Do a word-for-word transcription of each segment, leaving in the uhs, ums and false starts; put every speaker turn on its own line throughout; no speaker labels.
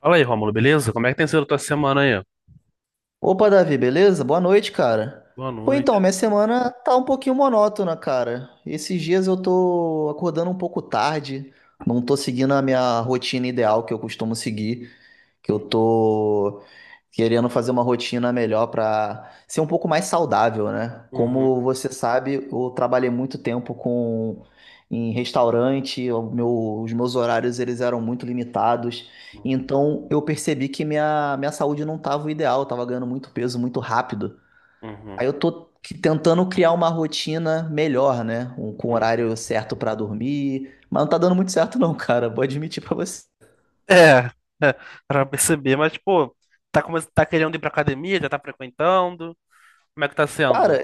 Fala aí, Rômulo, beleza? Como é que tem sido a tua semana aí?
Opa, Davi, beleza? Boa noite, cara.
Boa
Pô,
noite.
então, minha semana tá um pouquinho monótona, cara. Esses dias eu tô acordando um pouco tarde, não tô seguindo a minha rotina ideal que eu costumo seguir, que eu
Uhum,
tô querendo fazer uma rotina melhor para ser um pouco mais saudável, né?
uhum,
Como você sabe, eu trabalhei muito tempo com em restaurante, o meu- os meus horários eles eram muito limitados.
uhum,
Então eu percebi que minha, minha saúde não estava o ideal, eu estava ganhando muito peso muito rápido.
uhum,
Aí eu tô que- tentando criar uma rotina melhor, né? Um, com
uhum.
horário certo para dormir, mas não tá dando muito certo não, Cara. Vou admitir para você.
É, é, pra perceber, mas, pô, tá, come... tá querendo ir pra academia, já tá frequentando, como é que tá sendo?
Cara,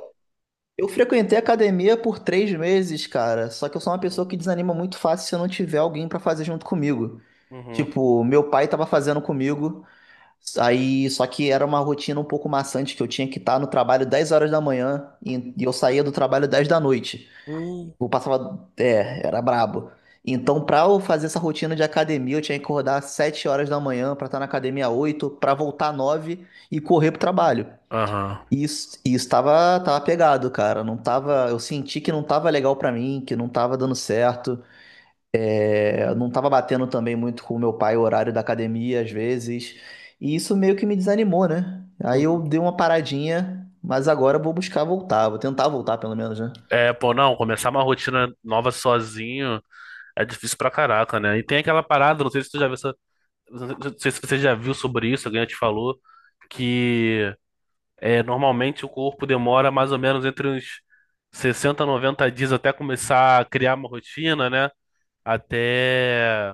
eu frequentei academia por três meses, cara. Só que eu sou uma
Uhum,
pessoa que desanima muito fácil se eu não tiver alguém pra fazer junto comigo.
uhum,
Tipo, meu pai tava fazendo comigo, aí só que era uma rotina um pouco maçante, que eu tinha que estar no trabalho dez horas da manhã e, e eu saía do trabalho dez da noite.
uhum.
Eu passava, é, era brabo. Então, pra eu fazer essa rotina de academia, eu tinha que acordar às sete horas da manhã pra estar na academia às oito, pra voltar às nove e correr pro trabalho.
Aham.
E isso, e isso tava, tava pegado, cara. Não tava, eu senti que não tava legal pra mim, que não tava dando certo. É, não tava batendo também muito com o meu pai o horário da academia às vezes. E isso meio que me desanimou, né? Aí eu
Uhum.
dei uma paradinha, mas agora eu vou buscar voltar, vou tentar voltar pelo menos, né?
É, pô, não, começar uma rotina nova sozinho é difícil pra caraca, né? E tem aquela parada, não sei se tu já viu, essa- não sei se você já viu sobre isso, alguém já te falou, que é, normalmente o corpo demora mais ou menos entre uns sessenta noventa dias até começar a criar uma rotina, né? Até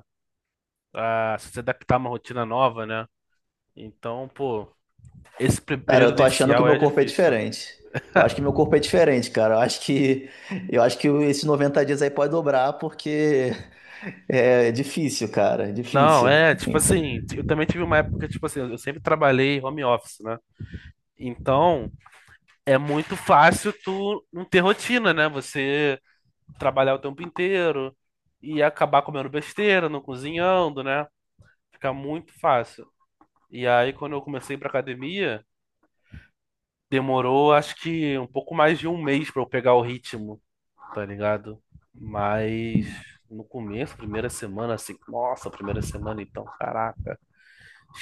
a se adaptar a uma rotina nova, né? Então, pô, esse pe-
Cara,
período
eu tô achando que o
inicial
meu
é
corpo é
difícil.
diferente. Eu acho que meu corpo é diferente, cara. Eu acho que eu acho que esses noventa dias aí pode dobrar porque é difícil, cara, é
Não,
difícil.
é, tipo assim, eu também tive uma época, tipo assim, eu sempre trabalhei home office, né? Então, é muito fácil tu não ter rotina, né? Você trabalhar o tempo inteiro e acabar comendo besteira, não cozinhando, né? Fica muito fácil. E aí, quando eu comecei pra academia, demorou acho que um pouco mais de um mês pra eu pegar o ritmo, tá ligado? Mas no começo, primeira semana, assim, nossa, primeira semana então, caraca,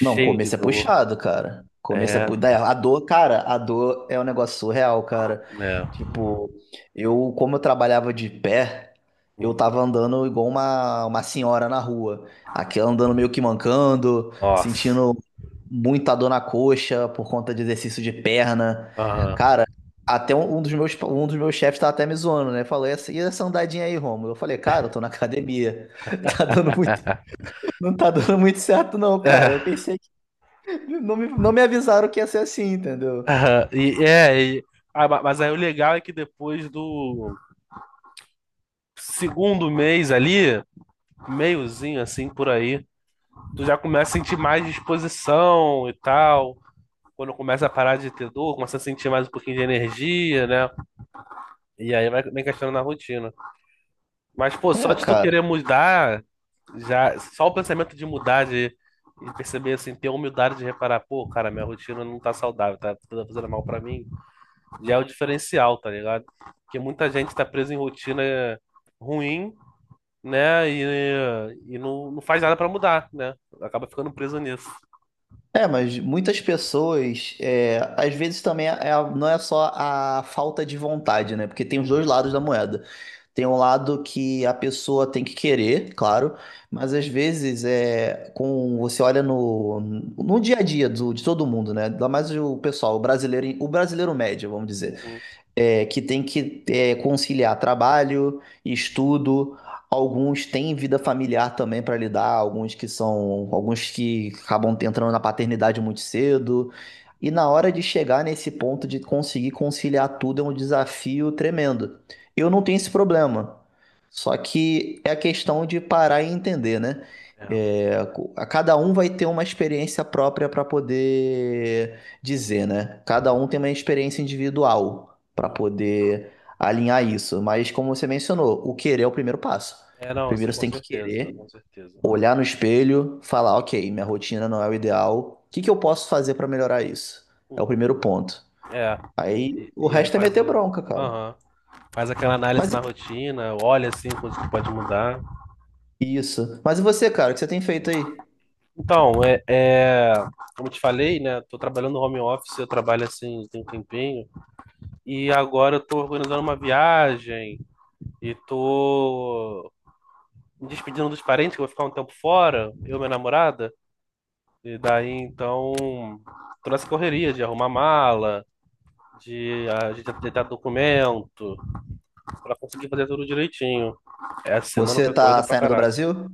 Não,
de
começo é
dor.
puxado, cara. Começo é
É,
puxado. A dor, cara, a dor é um negócio surreal, cara.
é,
Tipo, eu, como eu trabalhava de pé, eu
um,
tava andando igual uma, uma senhora na rua. Aqui andando meio que mancando,
nossa.
sentindo muita dor na coxa por conta de exercício de perna.
Aham.
Cara, até um um dos meus, um dos meus chefes tava até me zoando, né? Falou, e essa e essa andadinha aí, Romulo? Eu falei, cara, eu tô na academia. Tá dando muito, não tá dando muito certo, não,
É,
cara. Eu percebi. Não me, não me avisaram que ia ser assim, entendeu?
aham. e, é, e- ah, ma- mas aí o legal é que depois do segundo mês ali, meiozinho assim por aí, tu já começa a sentir mais disposição e tal. Quando começa a parar de ter dor, começa a sentir mais um pouquinho de energia, né? E aí vai bem questionando na rotina. Mas, pô, só
É,
de tu
cara.
querer mudar, já, só o pensamento de mudar, de, de perceber, assim, ter a humildade de reparar, pô, cara, minha rotina não tá saudável, tá tá fazendo mal pra mim, já é o diferencial, tá ligado? Porque muita gente tá presa em rotina ruim, né? E, e não, não faz nada pra mudar, né? Acaba ficando preso nisso.
É, mas muitas pessoas, é, às vezes também é a- não é só a falta de vontade, né? Porque tem os dois
Uhum,
lados da moeda. Tem um lado que a pessoa tem que querer, claro, mas às vezes é com você olha no, no dia a dia do- de todo mundo, né? Ainda mais o pessoal, o brasileiro, o brasileiro médio, vamos dizer.
uhum,
É, que tem que é, conciliar trabalho, estudo. Alguns têm vida familiar também para lidar, alguns que são, alguns que acabam entrando na paternidade muito cedo. E na hora de chegar nesse ponto de conseguir conciliar tudo é um desafio tremendo. Eu não tenho esse problema. Só que é a questão de parar e entender, né?
é.
É, co- a cada um vai ter uma experiência própria para poder dizer, né? Cada um tem uma experiência individual para
Uhum.
poder alinhar isso. Mas como você mencionou, o querer é o primeiro passo.
É, não, assim,
Primeiro você
com
tem que
certeza,
querer,
com certeza.
olhar no espelho, falar, ok, minha rotina não é o ideal, o que que eu posso fazer para melhorar isso? É o
Hum.
primeiro ponto.
É.
Aí
E,
o
e aí
resto é
faz
meter
a,
bronca, cara.
aham, faz aquela análise
Mas
na rotina, olha assim coisas que pode mudar.
e- isso. Mas e você, cara, o que você tem feito aí?
Então, é, é, como eu te falei, né? Tô trabalhando no home office, eu trabalho assim tem um tempinho. E agora eu tô organizando uma viagem e tô me despedindo dos parentes, que eu vou ficar um tempo fora, eu e minha namorada. E daí, então, tô nessa correria de arrumar mala, de ajeitar documento. Pra conseguir fazer tudo direitinho. Essa semana
Você
foi
tá
corrida pra
saindo do
caraca.
Brasil?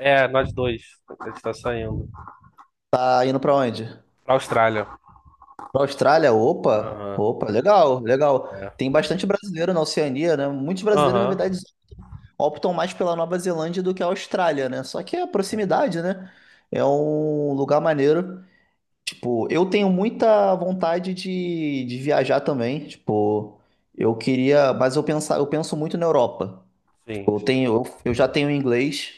É, nós dois. A gente tá saindo.
Tá indo pra onde?
Pra Austrália.
Pra Austrália? Opa,
Aham.
opa, legal, legal.
É.
Tem bastante brasileiro na Oceania, né? Muitos brasileiros, na verdade,
Aham.
optam mais pela Nova Zelândia do que a Austrália, né? Só que é a
É.
proximidade, né? É um lugar maneiro. Tipo, eu tenho muita vontade de, de viajar também. Tipo, eu queria, mas eu pensar, eu penso muito na Europa.
Sim.
Tipo, eu tenho, eu, eu já tenho inglês.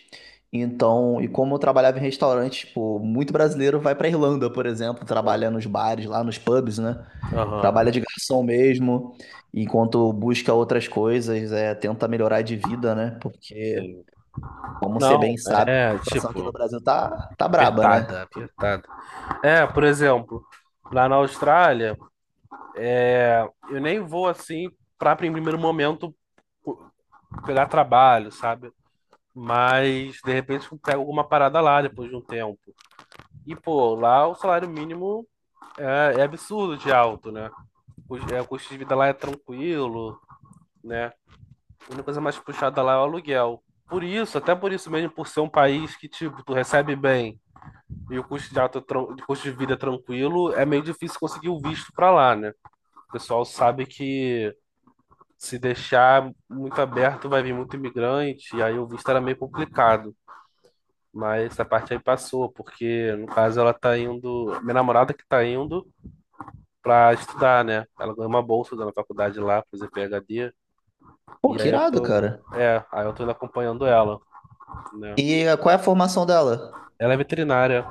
Então, e como eu trabalhava em restaurante, tipo, muito brasileiro vai pra Irlanda, por exemplo, trabalha
Aham.
nos bares, lá nos pubs, né?
Aham.
Trabalha de garçom mesmo, enquanto busca outras coisas, é, tenta melhorar de vida, né? Porque
Sim.
como você
Não,
bem sabe,
é,
a situação aqui no
tipo,
Brasil tá, tá braba,
apertada,
né?
apertada. É, por exemplo, lá na Austrália, é, eu nem vou assim pra em primeiro momento co- pegar trabalho, sabe? Mas de repente eu pego alguma parada lá depois de um tempo. E pô, lá o salário mínimo é, é absurdo de alto, né? O, é, o custo de vida lá é tranquilo, né? A única coisa mais puxada lá é o aluguel. Por isso, até por isso mesmo, por ser um país que, tipo, tu recebe bem e o custo de, alto, é tran- de custo de vida é tranquilo, é meio difícil conseguir o visto pra lá, né? O pessoal sabe que se deixar muito aberto vai vir muito imigrante, e aí o visto era meio complicado. Mas essa parte aí passou, porque no caso ela tá indo, minha namorada que tá indo, para estudar, né? Ela ganhou uma bolsa da faculdade lá, pra fazer P H D.
Pô,
E
que
aí eu
irado,
tô.
cara.
É, aí eu tô indo acompanhando ela, né?
E eh, qual é a formação dela?
Ela é veterinária.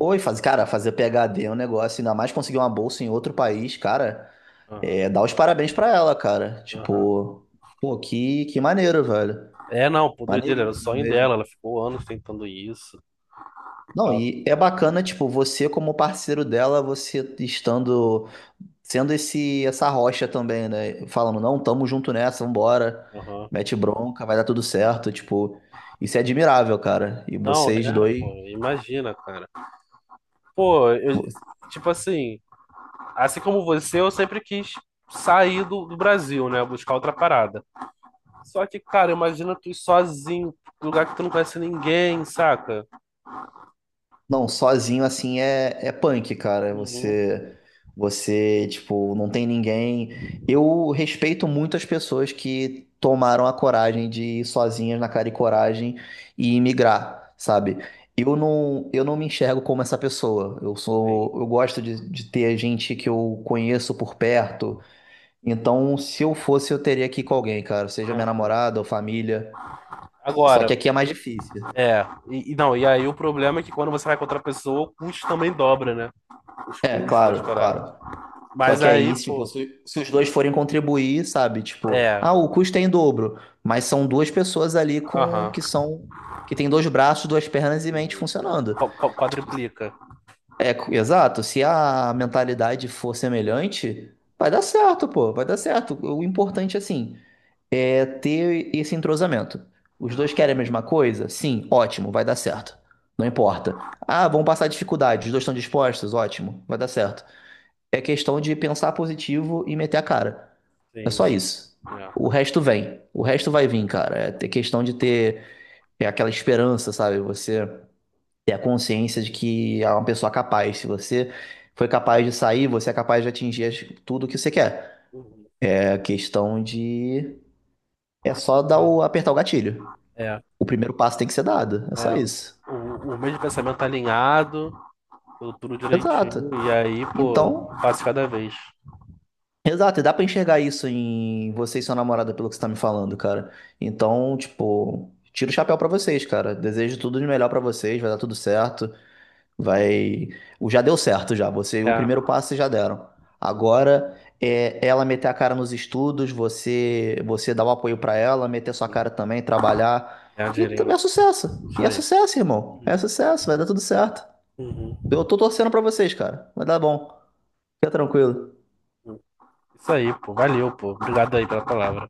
Oi, faz, cara, fazer PhD é um negócio, ainda mais conseguir uma bolsa em outro país, cara.
Aham,
É, dá os parabéns pra ela, cara.
aham.
Tipo, pô, que, que maneiro, velho.
É, não, pô, doideira, era o
Maneiríssimo
sonho dela.
mesmo.
Ela ficou anos tentando isso.
Não,
Ela-
e é bacana, tipo, você como parceiro dela, você estando sendo esse essa rocha também, né? Falando, não, tamo junto nessa, vambora,
Aham.
mete bronca, vai dar tudo certo, tipo, isso é admirável, cara. E
Não,
vocês
é,
dois.
pô, imagina, cara. Pô, eu, tipo assim, assim como você, eu sempre quis sair do, do Brasil, né? Buscar outra parada. Só que, cara, imagina tu ir sozinho, num lugar que tu não conhece ninguém, saca?
Não, sozinho assim é, é punk, cara.
Uhum.
Você, você, tipo, não tem ninguém. Eu respeito muito as pessoas que tomaram a coragem de ir sozinhas na cara e coragem e migrar, sabe? Eu não, eu não me enxergo como essa pessoa. Eu
Sim.
sou, eu gosto de, de ter gente que eu conheço por perto. Então, se eu fosse, eu teria que ir com alguém, cara, seja minha
Aham.
namorada ou família. Só que
Agora,
aqui é mais difícil.
é, e, e não, e aí o problema é que quando você vai contra a pessoa, o custo também dobra, né? Os
É,
custos, as
claro,
paradas.
claro. Só
Mas
que
aí,
aí, tipo,
pô,
se, se os dois forem contribuir, sabe? Tipo,
é,
ah, o custo é em dobro, mas são duas pessoas ali com
aham,
que são que tem dois braços, duas pernas e
sim.
mente funcionando.
Qu- qu-
Tipo,
quadriplica.
é co- exato, se a
Uhum.
mentalidade for semelhante, vai dar certo, pô, vai dar certo. O importante assim é ter esse entrosamento.
É,
Os dois querem a mesma coisa? Sim, ótimo, vai dar certo. Não importa. Ah, vão passar dificuldade, os dois estão dispostos? Ótimo, vai dar certo. É questão de pensar positivo e meter a cara. É
sim,
só
sim.
isso. O
É.
resto vem. O resto vai vir, cara. É ter questão de ter é aquela esperança, sabe? Você ter a consciência de que é uma pessoa capaz. Se você foi capaz de sair, você é capaz de atingir as- tudo que você quer.
Uhum.
É questão de. É só dar
Ah,
o... apertar o gatilho.
é,
O primeiro passo tem que ser dado. É só
é.
isso.
O, o mesmo pensamento tá alinhado, tudo tudo direitinho,
Exato.
e aí, pô,
Então.
um passo cada vez.
Exato, e dá pra enxergar isso em você e sua namorada, pelo que você tá me falando, cara. Então, tipo, tiro o chapéu pra vocês, cara. Desejo tudo de melhor pra vocês, vai dar tudo certo. Vai. O Já deu certo já. Você, o
É,
primeiro passo vocês já deram. Agora é ela meter a cara nos estudos, você você dar o apoio pra ela, meter sua
uhum,
cara também, trabalhar.
é,
E t-
dinheirinho.
é sucesso. E
Isso
é
aí.
sucesso, irmão. É
Uhum.
sucesso, vai dar tudo certo.
Uhum.
Eu
Uhum.
tô torcendo pra vocês, cara. Vai dar bom. Fica tranquilo.
Isso aí, pô. Valeu, pô. Obrigado aí pela palavra.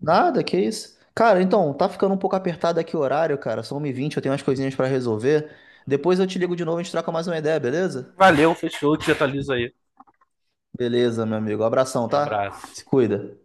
Nada, que isso. Cara, então, tá ficando um pouco apertado aqui o horário, cara. São uma e vinte, eu tenho umas coisinhas pra resolver. Depois eu te ligo de novo, a gente troca mais uma ideia, beleza?
Valeu, fechou. Te atualizo aí.
Beleza, meu amigo. Abração, tá?
Abraço.
Se cuida.